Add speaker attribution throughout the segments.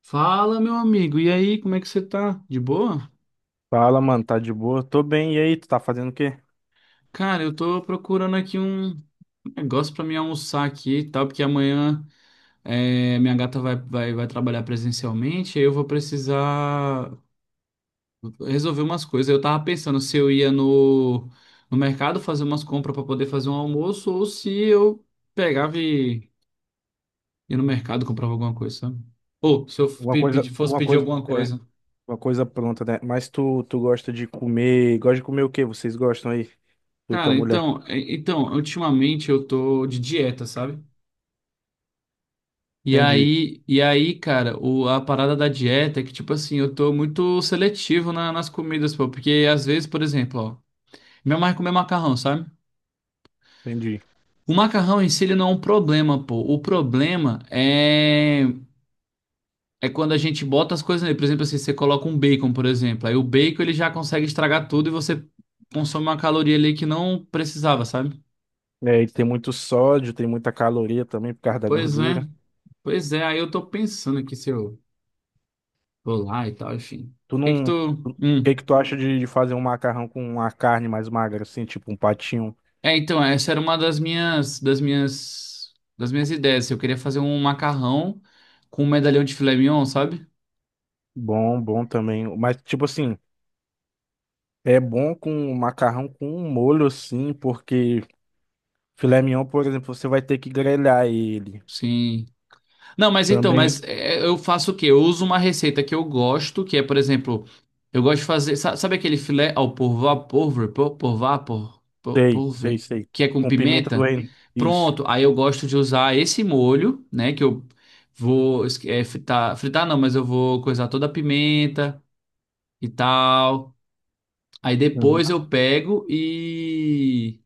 Speaker 1: Fala, meu amigo. E aí, como é que você tá? De boa?
Speaker 2: Fala, mano, tá de boa? Tô bem, e aí, tu tá fazendo o quê?
Speaker 1: Cara, eu tô procurando aqui um negócio pra mim almoçar aqui e tal, porque amanhã minha gata vai trabalhar presencialmente, aí eu vou precisar resolver umas coisas. Eu tava pensando se eu ia no mercado fazer umas compras pra poder fazer um almoço, ou se eu pegava e ia no mercado comprava alguma coisa, sabe? Ou se eu
Speaker 2: Uma coisa,
Speaker 1: fosse
Speaker 2: uma
Speaker 1: pedir
Speaker 2: coisa,
Speaker 1: alguma
Speaker 2: é,
Speaker 1: coisa.
Speaker 2: uma coisa pronta, né? Mas tu gosta de comer o quê? Vocês gostam aí, tu, tua
Speaker 1: Cara,
Speaker 2: mulher?
Speaker 1: então, então, ultimamente eu tô de dieta, sabe?
Speaker 2: Entendi,
Speaker 1: Cara, a parada da dieta é que, tipo assim, eu tô muito seletivo nas comidas, pô, porque às vezes, por exemplo, ó, minha mãe comer macarrão, sabe?
Speaker 2: entendi.
Speaker 1: O macarrão em si, ele não é um problema, pô. O problema é quando a gente bota as coisas nele. Por exemplo, assim, você coloca um bacon, por exemplo. Aí o bacon, ele já consegue estragar tudo e você consome uma caloria ali que não precisava, sabe?
Speaker 2: É, e tem muito sódio, tem muita caloria também por causa da
Speaker 1: Pois é,
Speaker 2: gordura.
Speaker 1: pois é. Aí eu tô pensando aqui se eu vou lá e tal, enfim. O
Speaker 2: Tu
Speaker 1: que que
Speaker 2: não,
Speaker 1: tu...
Speaker 2: tu- O que
Speaker 1: hum.
Speaker 2: que tu acha de fazer um macarrão com uma carne mais magra, assim, tipo um patinho?
Speaker 1: É, então, essa era uma das minhas ideias. Assim, eu queria fazer um macarrão com um medalhão de filé mignon, sabe?
Speaker 2: Bom, bom também. Mas, tipo assim, é bom com macarrão com um molho, assim, porque filé mignon, por exemplo, você vai ter que grelhar ele.
Speaker 1: Sim. Não, mas então,
Speaker 2: Também
Speaker 1: mas é, eu faço o quê? Eu uso uma receita que eu gosto, que é, por exemplo, eu gosto de fazer, sabe aquele filé ao por vapor, por porvar, por vapor, por
Speaker 2: sei, sei,
Speaker 1: porve,
Speaker 2: sei.
Speaker 1: que é com
Speaker 2: Com pimenta do
Speaker 1: pimenta?
Speaker 2: reino. Isso.
Speaker 1: Pronto. Aí eu gosto de usar esse molho, né, que eu vou es- é, fritar, fritar não, mas eu vou coisar toda a pimenta e tal. Aí
Speaker 2: Uhum.
Speaker 1: depois eu pego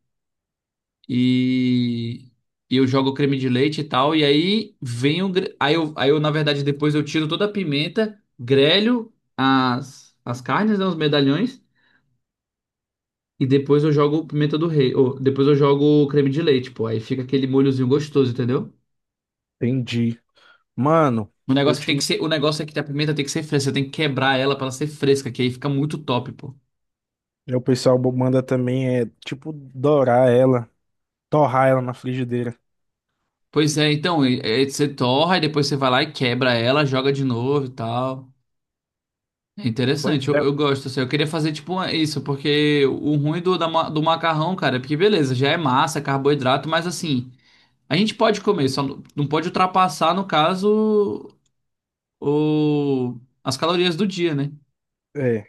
Speaker 1: e, e eu jogo o creme de leite e tal. E aí vem o. gre- Aí eu, na verdade, depois eu tiro toda a pimenta, grelho as carnes, né, os medalhões. E depois eu jogo pimenta do rei. Ou, depois eu jogo o creme de leite, pô. Aí fica aquele molhozinho gostoso, entendeu?
Speaker 2: Entendi. Mano,
Speaker 1: O
Speaker 2: eu
Speaker 1: negócio que tem
Speaker 2: te...
Speaker 1: que ser, o negócio é que a pimenta tem que ser fresca, você tem que quebrar ela pra ela ser fresca, que aí fica muito top, pô.
Speaker 2: o pessoal manda também é tipo dourar ela, torrar ela na frigideira.
Speaker 1: Pois é, então, e você torra e depois você vai lá e quebra ela, joga de novo e tal. É interessante,
Speaker 2: Pois é.
Speaker 1: eu gosto, assim, eu queria fazer tipo isso, porque o ruim do macarrão, cara, é porque beleza, já é massa, é carboidrato, mas assim, a gente pode comer, só não pode ultrapassar, no caso, as calorias do dia, né?
Speaker 2: É.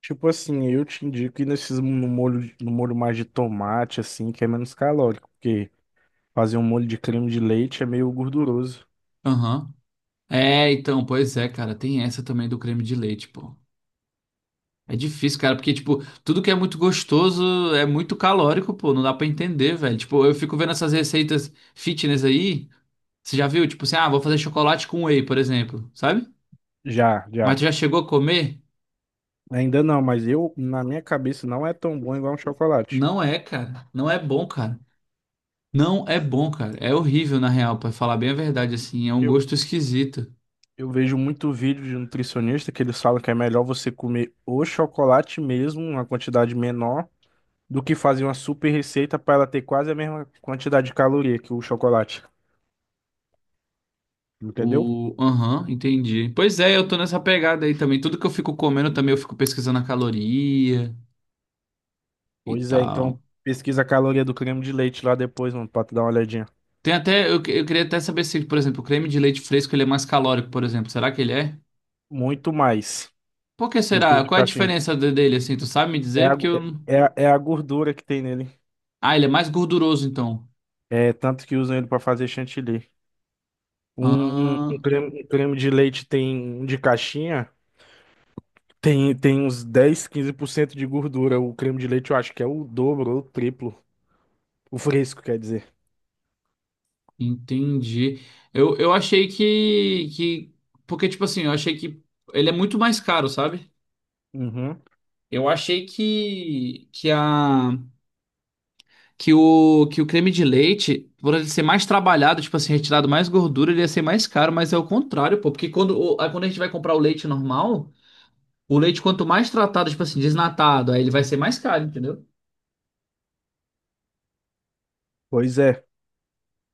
Speaker 2: Tipo assim, eu te indico ir nesses no molho, no molho mais de tomate, assim, que é menos calórico, porque fazer um molho de creme de leite é meio gorduroso.
Speaker 1: Aham. É, então, pois é, cara, tem essa também do creme de leite, pô. É difícil, cara, porque, tipo, tudo que é muito gostoso é muito calórico, pô, não dá pra entender, velho. Tipo, eu fico vendo essas receitas fitness aí, você já viu? Tipo assim, ah, vou fazer chocolate com whey, por exemplo, sabe?
Speaker 2: Já,
Speaker 1: Mas
Speaker 2: já.
Speaker 1: tu já chegou a comer?
Speaker 2: Ainda não, mas eu, na minha cabeça, não é tão bom igual um chocolate.
Speaker 1: Não é, cara. Não é bom, cara. Não é bom, cara. É horrível, na real, pra falar bem a verdade, assim. É um
Speaker 2: Eu,
Speaker 1: gosto esquisito.
Speaker 2: Eu vejo muito vídeo de nutricionista que eles falam que é melhor você comer o chocolate mesmo, uma quantidade menor, do que fazer uma super receita para ela ter quase a mesma quantidade de caloria que o chocolate. Entendeu?
Speaker 1: O. Aham, entendi. Pois é, eu tô nessa pegada aí também. Tudo que eu fico comendo também, eu fico pesquisando a caloria e
Speaker 2: Pois é,
Speaker 1: tal.
Speaker 2: então pesquisa a caloria do creme de leite lá depois, mano, pra tu dar uma olhadinha.
Speaker 1: Tem até. Eu queria até saber se, por exemplo, o creme de leite fresco ele é mais calórico, por exemplo. Será que ele é?
Speaker 2: Muito mais
Speaker 1: Por que
Speaker 2: do que o
Speaker 1: será?
Speaker 2: de
Speaker 1: Qual é a
Speaker 2: caixinha.
Speaker 1: diferença dele, assim? Tu sabe me
Speaker 2: É
Speaker 1: dizer?
Speaker 2: a,
Speaker 1: Porque eu.
Speaker 2: é, é a gordura que tem nele.
Speaker 1: Ah, ele é mais gorduroso, então.
Speaker 2: É tanto que usam ele para fazer chantilly. Um, um, um
Speaker 1: Ah.
Speaker 2: creme, um creme de leite tem um de caixinha. Tem uns 10 15% de gordura. O creme de leite eu acho que é o dobro ou o triplo. O fresco, quer dizer.
Speaker 1: Entendi. Eu achei que, que. Porque, tipo assim, eu achei que ele é muito mais caro, sabe?
Speaker 2: Uhum.
Speaker 1: Eu achei que o creme de leite, por ele ser mais trabalhado, tipo assim, retirado mais gordura, ele ia ser mais caro, mas é o contrário, pô. Porque quando, aí quando a gente vai comprar o leite normal, o leite, quanto mais tratado, tipo assim, desnatado, aí ele vai ser mais caro, entendeu?
Speaker 2: Pois é.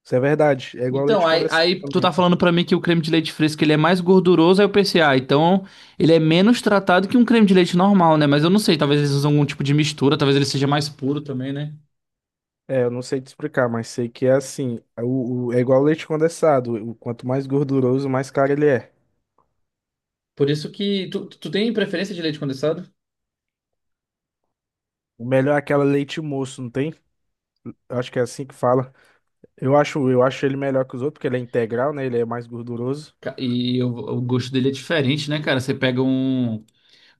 Speaker 2: Isso é verdade. É igual
Speaker 1: Então,
Speaker 2: leite condensado
Speaker 1: aí tu
Speaker 2: também.
Speaker 1: tá falando pra mim que o creme de leite fresco ele é mais gorduroso, aí eu pensei, ah, então ele é menos tratado que um creme de leite normal, né? Mas eu não sei, talvez eles usam algum tipo de mistura, talvez ele seja mais puro também, né?
Speaker 2: É, eu não sei te explicar, mas sei que é assim. É igual leite condensado. Quanto mais gorduroso, mais caro ele é.
Speaker 1: Por isso que tu tem preferência de leite condensado?
Speaker 2: O melhor é aquela leite moço, não tem? Eu acho que é assim que fala. Eu acho ele melhor que os outros, porque ele é integral, né? Ele é mais gorduroso.
Speaker 1: E o gosto dele é diferente, né, cara? Você pega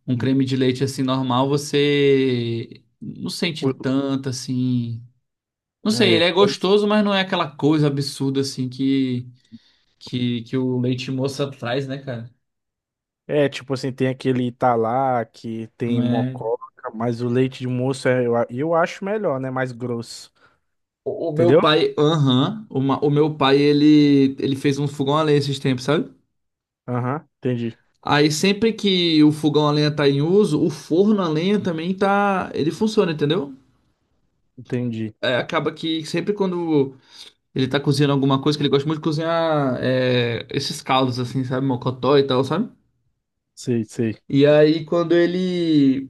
Speaker 1: um
Speaker 2: Hum.
Speaker 1: creme de leite assim normal, você não sente tanto assim. Não sei, ele
Speaker 2: É,
Speaker 1: é
Speaker 2: pois
Speaker 1: gostoso, mas não é aquela coisa absurda assim que o leite moça traz, né, cara?
Speaker 2: é, tipo assim, tem aquele Italac, tem mococa, mas o leite de moço eu acho melhor, né? Mais grosso.
Speaker 1: O meu
Speaker 2: Entendeu?
Speaker 1: pai, aham, o meu pai, ele fez um fogão a lenha esses tempos, sabe?
Speaker 2: Aham, entendi.
Speaker 1: Aí sempre que o fogão a lenha tá em uso, o forno a lenha também tá, ele funciona, entendeu?
Speaker 2: Entendi.
Speaker 1: É, acaba que sempre quando ele tá cozinhando alguma coisa, que ele gosta muito de cozinhar é, esses caldos assim, sabe? Mocotó e tal, sabe?
Speaker 2: Sei, sei.
Speaker 1: E aí quando ele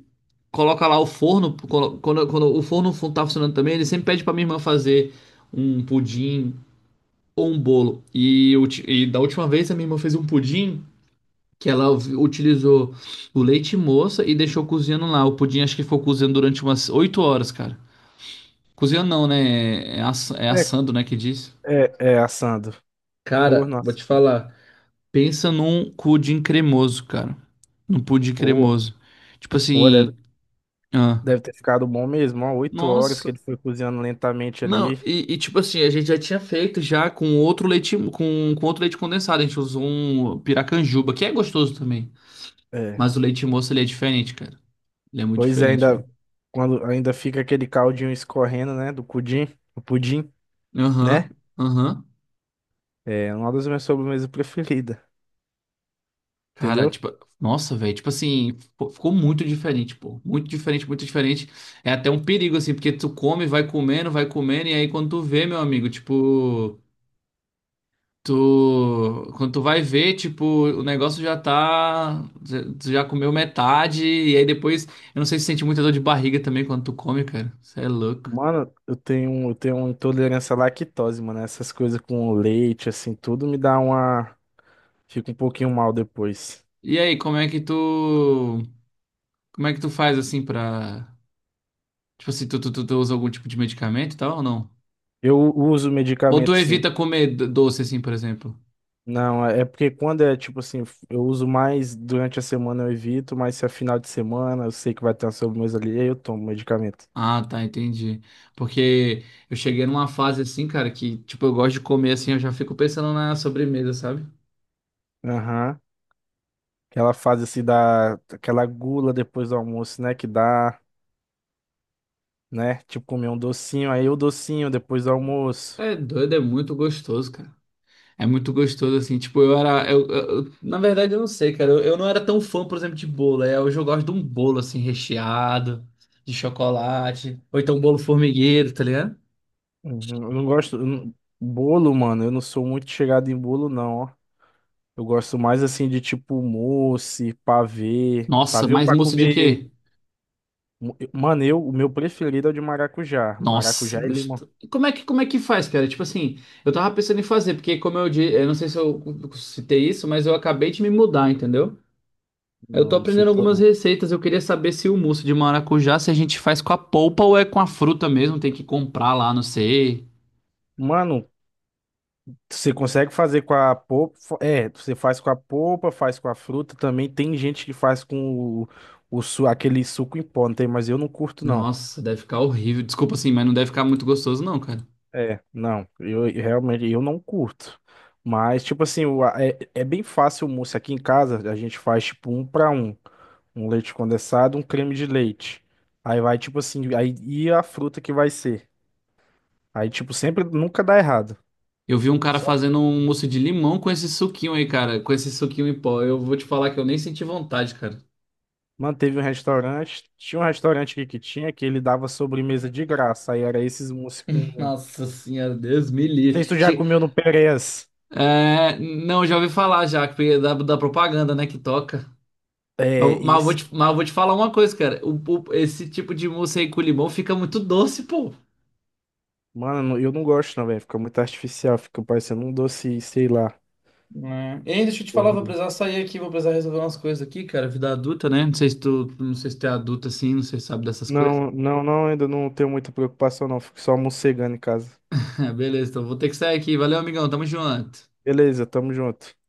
Speaker 1: coloca lá o forno, quando o forno tá funcionando também, ele sempre pede pra minha irmã fazer um pudim ou um bolo. E da última vez a minha irmã fez um pudim que ela utilizou o leite moça e deixou cozinhando lá. O pudim acho que ficou cozinhando durante umas 8 horas, cara. Cozinhando não, né? É, é
Speaker 2: É,
Speaker 1: assando, né, que diz.
Speaker 2: é assando.
Speaker 1: Cara,
Speaker 2: Forno,
Speaker 1: vou te
Speaker 2: assando.
Speaker 1: falar. Pensa num pudim cremoso, cara. Num pudim
Speaker 2: Pô,
Speaker 1: cremoso. Tipo
Speaker 2: pô, deve,
Speaker 1: assim, ah,
Speaker 2: deve ter ficado bom mesmo, ó. 8 horas
Speaker 1: nossa.
Speaker 2: que ele foi cozinhando lentamente
Speaker 1: Não,
Speaker 2: ali.
Speaker 1: e tipo assim, a gente já tinha feito já com outro leite, com outro leite condensado. A gente usou um piracanjuba, que é gostoso também.
Speaker 2: É.
Speaker 1: Mas o leite moço, ele é diferente, cara. Ele é muito
Speaker 2: Pois é,
Speaker 1: diferente, velho.
Speaker 2: ainda fica aquele caldinho escorrendo, né? Do pudim, o pudim, né?
Speaker 1: Aham, aham.
Speaker 2: É uma das minhas sobremesas preferidas.
Speaker 1: Cara,
Speaker 2: Entendeu?
Speaker 1: tipo, nossa, velho. Tipo assim, ficou muito diferente, pô. Muito diferente, muito diferente. É até um perigo, assim, porque tu come, vai comendo, e aí quando tu vê, meu amigo, tipo. Tu, quando tu vai ver, tipo, o negócio já tá. Tu já comeu metade, e aí depois. Eu não sei se sente muita dor de barriga também quando tu come, cara. Você é louco.
Speaker 2: Mano, eu tenho uma intolerância à lactose, mano. Essas coisas com leite, assim, tudo me dá uma. Fica um pouquinho mal depois.
Speaker 1: E aí, como é que tu. Como é que tu faz assim pra. Tipo assim, tu usa algum tipo de medicamento e tal ou não?
Speaker 2: Eu uso
Speaker 1: Ou tu
Speaker 2: medicamento, sim.
Speaker 1: evita comer doce, assim, por exemplo?
Speaker 2: Não, é porque quando é tipo assim, eu uso mais durante a semana, eu evito, mas se é final de semana, eu sei que vai ter uma sobremesa ali, aí eu tomo medicamento.
Speaker 1: Ah, tá, entendi. Porque eu cheguei numa fase assim, cara, que, tipo, eu gosto de comer assim, eu já fico pensando na sobremesa, sabe?
Speaker 2: Aham. Aquela fase assim da. Aquela gula depois do almoço, né? Que dá, né? Tipo comer um docinho, aí o docinho depois do almoço.
Speaker 1: É doido, é muito gostoso, cara. É muito gostoso, assim, tipo, eu era. Na verdade, eu não sei, cara. Eu não era tão fã, por exemplo, de bolo. É, hoje eu gosto de um bolo, assim, recheado, de chocolate. Ou então um bolo formigueiro, tá ligado?
Speaker 2: Uhum. Eu não gosto. Eu não- Bolo, mano, eu não sou muito chegado em bolo, não, ó. Eu gosto mais assim de tipo mousse, pavê.
Speaker 1: Nossa,
Speaker 2: Pavê ou
Speaker 1: mas
Speaker 2: pra
Speaker 1: mousse de
Speaker 2: comer.
Speaker 1: quê?
Speaker 2: Mano, o meu preferido é o de maracujá.
Speaker 1: Nossa,
Speaker 2: Maracujá e limão.
Speaker 1: gostoso. Como é que faz, cara? Tipo assim, eu tava pensando em fazer, porque como eu disse, eu não sei se eu citei isso, mas eu acabei de me mudar, entendeu? Eu tô
Speaker 2: Não, não
Speaker 1: aprendendo
Speaker 2: citou,
Speaker 1: algumas
Speaker 2: não.
Speaker 1: receitas, eu queria saber se o mousse de maracujá, se a gente faz com a polpa ou é com a fruta mesmo, tem que comprar lá, não sei.
Speaker 2: Mano, você consegue fazer com a polpa. É, você faz com a polpa, faz com a fruta. Também tem gente que faz com o, aquele suco em pó, não tem? Mas eu não curto, não.
Speaker 1: Nossa, deve ficar horrível. Desculpa assim, mas não deve ficar muito gostoso não, cara.
Speaker 2: É, não, eu realmente eu não curto. Mas, tipo assim, é bem fácil o mousse aqui em casa. A gente faz tipo um para um. Um leite condensado, um creme de leite. Aí vai, tipo assim, aí e a fruta que vai ser. Aí, tipo, sempre nunca dá errado.
Speaker 1: Eu vi um cara
Speaker 2: Só
Speaker 1: fazendo um mousse de limão com esse suquinho aí, cara, com esse suquinho em pó. Eu vou te falar que eu nem senti vontade, cara.
Speaker 2: manteve um restaurante. Tinha um restaurante aqui que tinha que ele dava sobremesa de graça. Aí era esses mousse com.
Speaker 1: Nossa senhora, Deus me
Speaker 2: Não sei se tu
Speaker 1: livre.
Speaker 2: já comeu no Perez.
Speaker 1: É, não, já ouvi falar já, porque da propaganda, né, que toca.
Speaker 2: É, esse.
Speaker 1: Mas eu vou te falar uma coisa, cara. Esse tipo de mousse aí com limão fica muito doce, pô.
Speaker 2: Mano, eu não gosto, não, velho. Fica muito artificial, fica parecendo um doce, sei lá.
Speaker 1: Né? Ei, deixa eu te falar, vou
Speaker 2: Horrível.
Speaker 1: precisar sair aqui, vou precisar resolver umas coisas aqui, cara. Vida adulta, né? Não sei se tu, não sei se tu é adulto assim, não sei se sabe dessas coisas.
Speaker 2: Não, não, não, ainda não tenho muita preocupação, não. Fico só mocegando em casa.
Speaker 1: Beleza, então vou ter que sair aqui. Valeu, amigão, tamo junto.
Speaker 2: Beleza, tamo junto.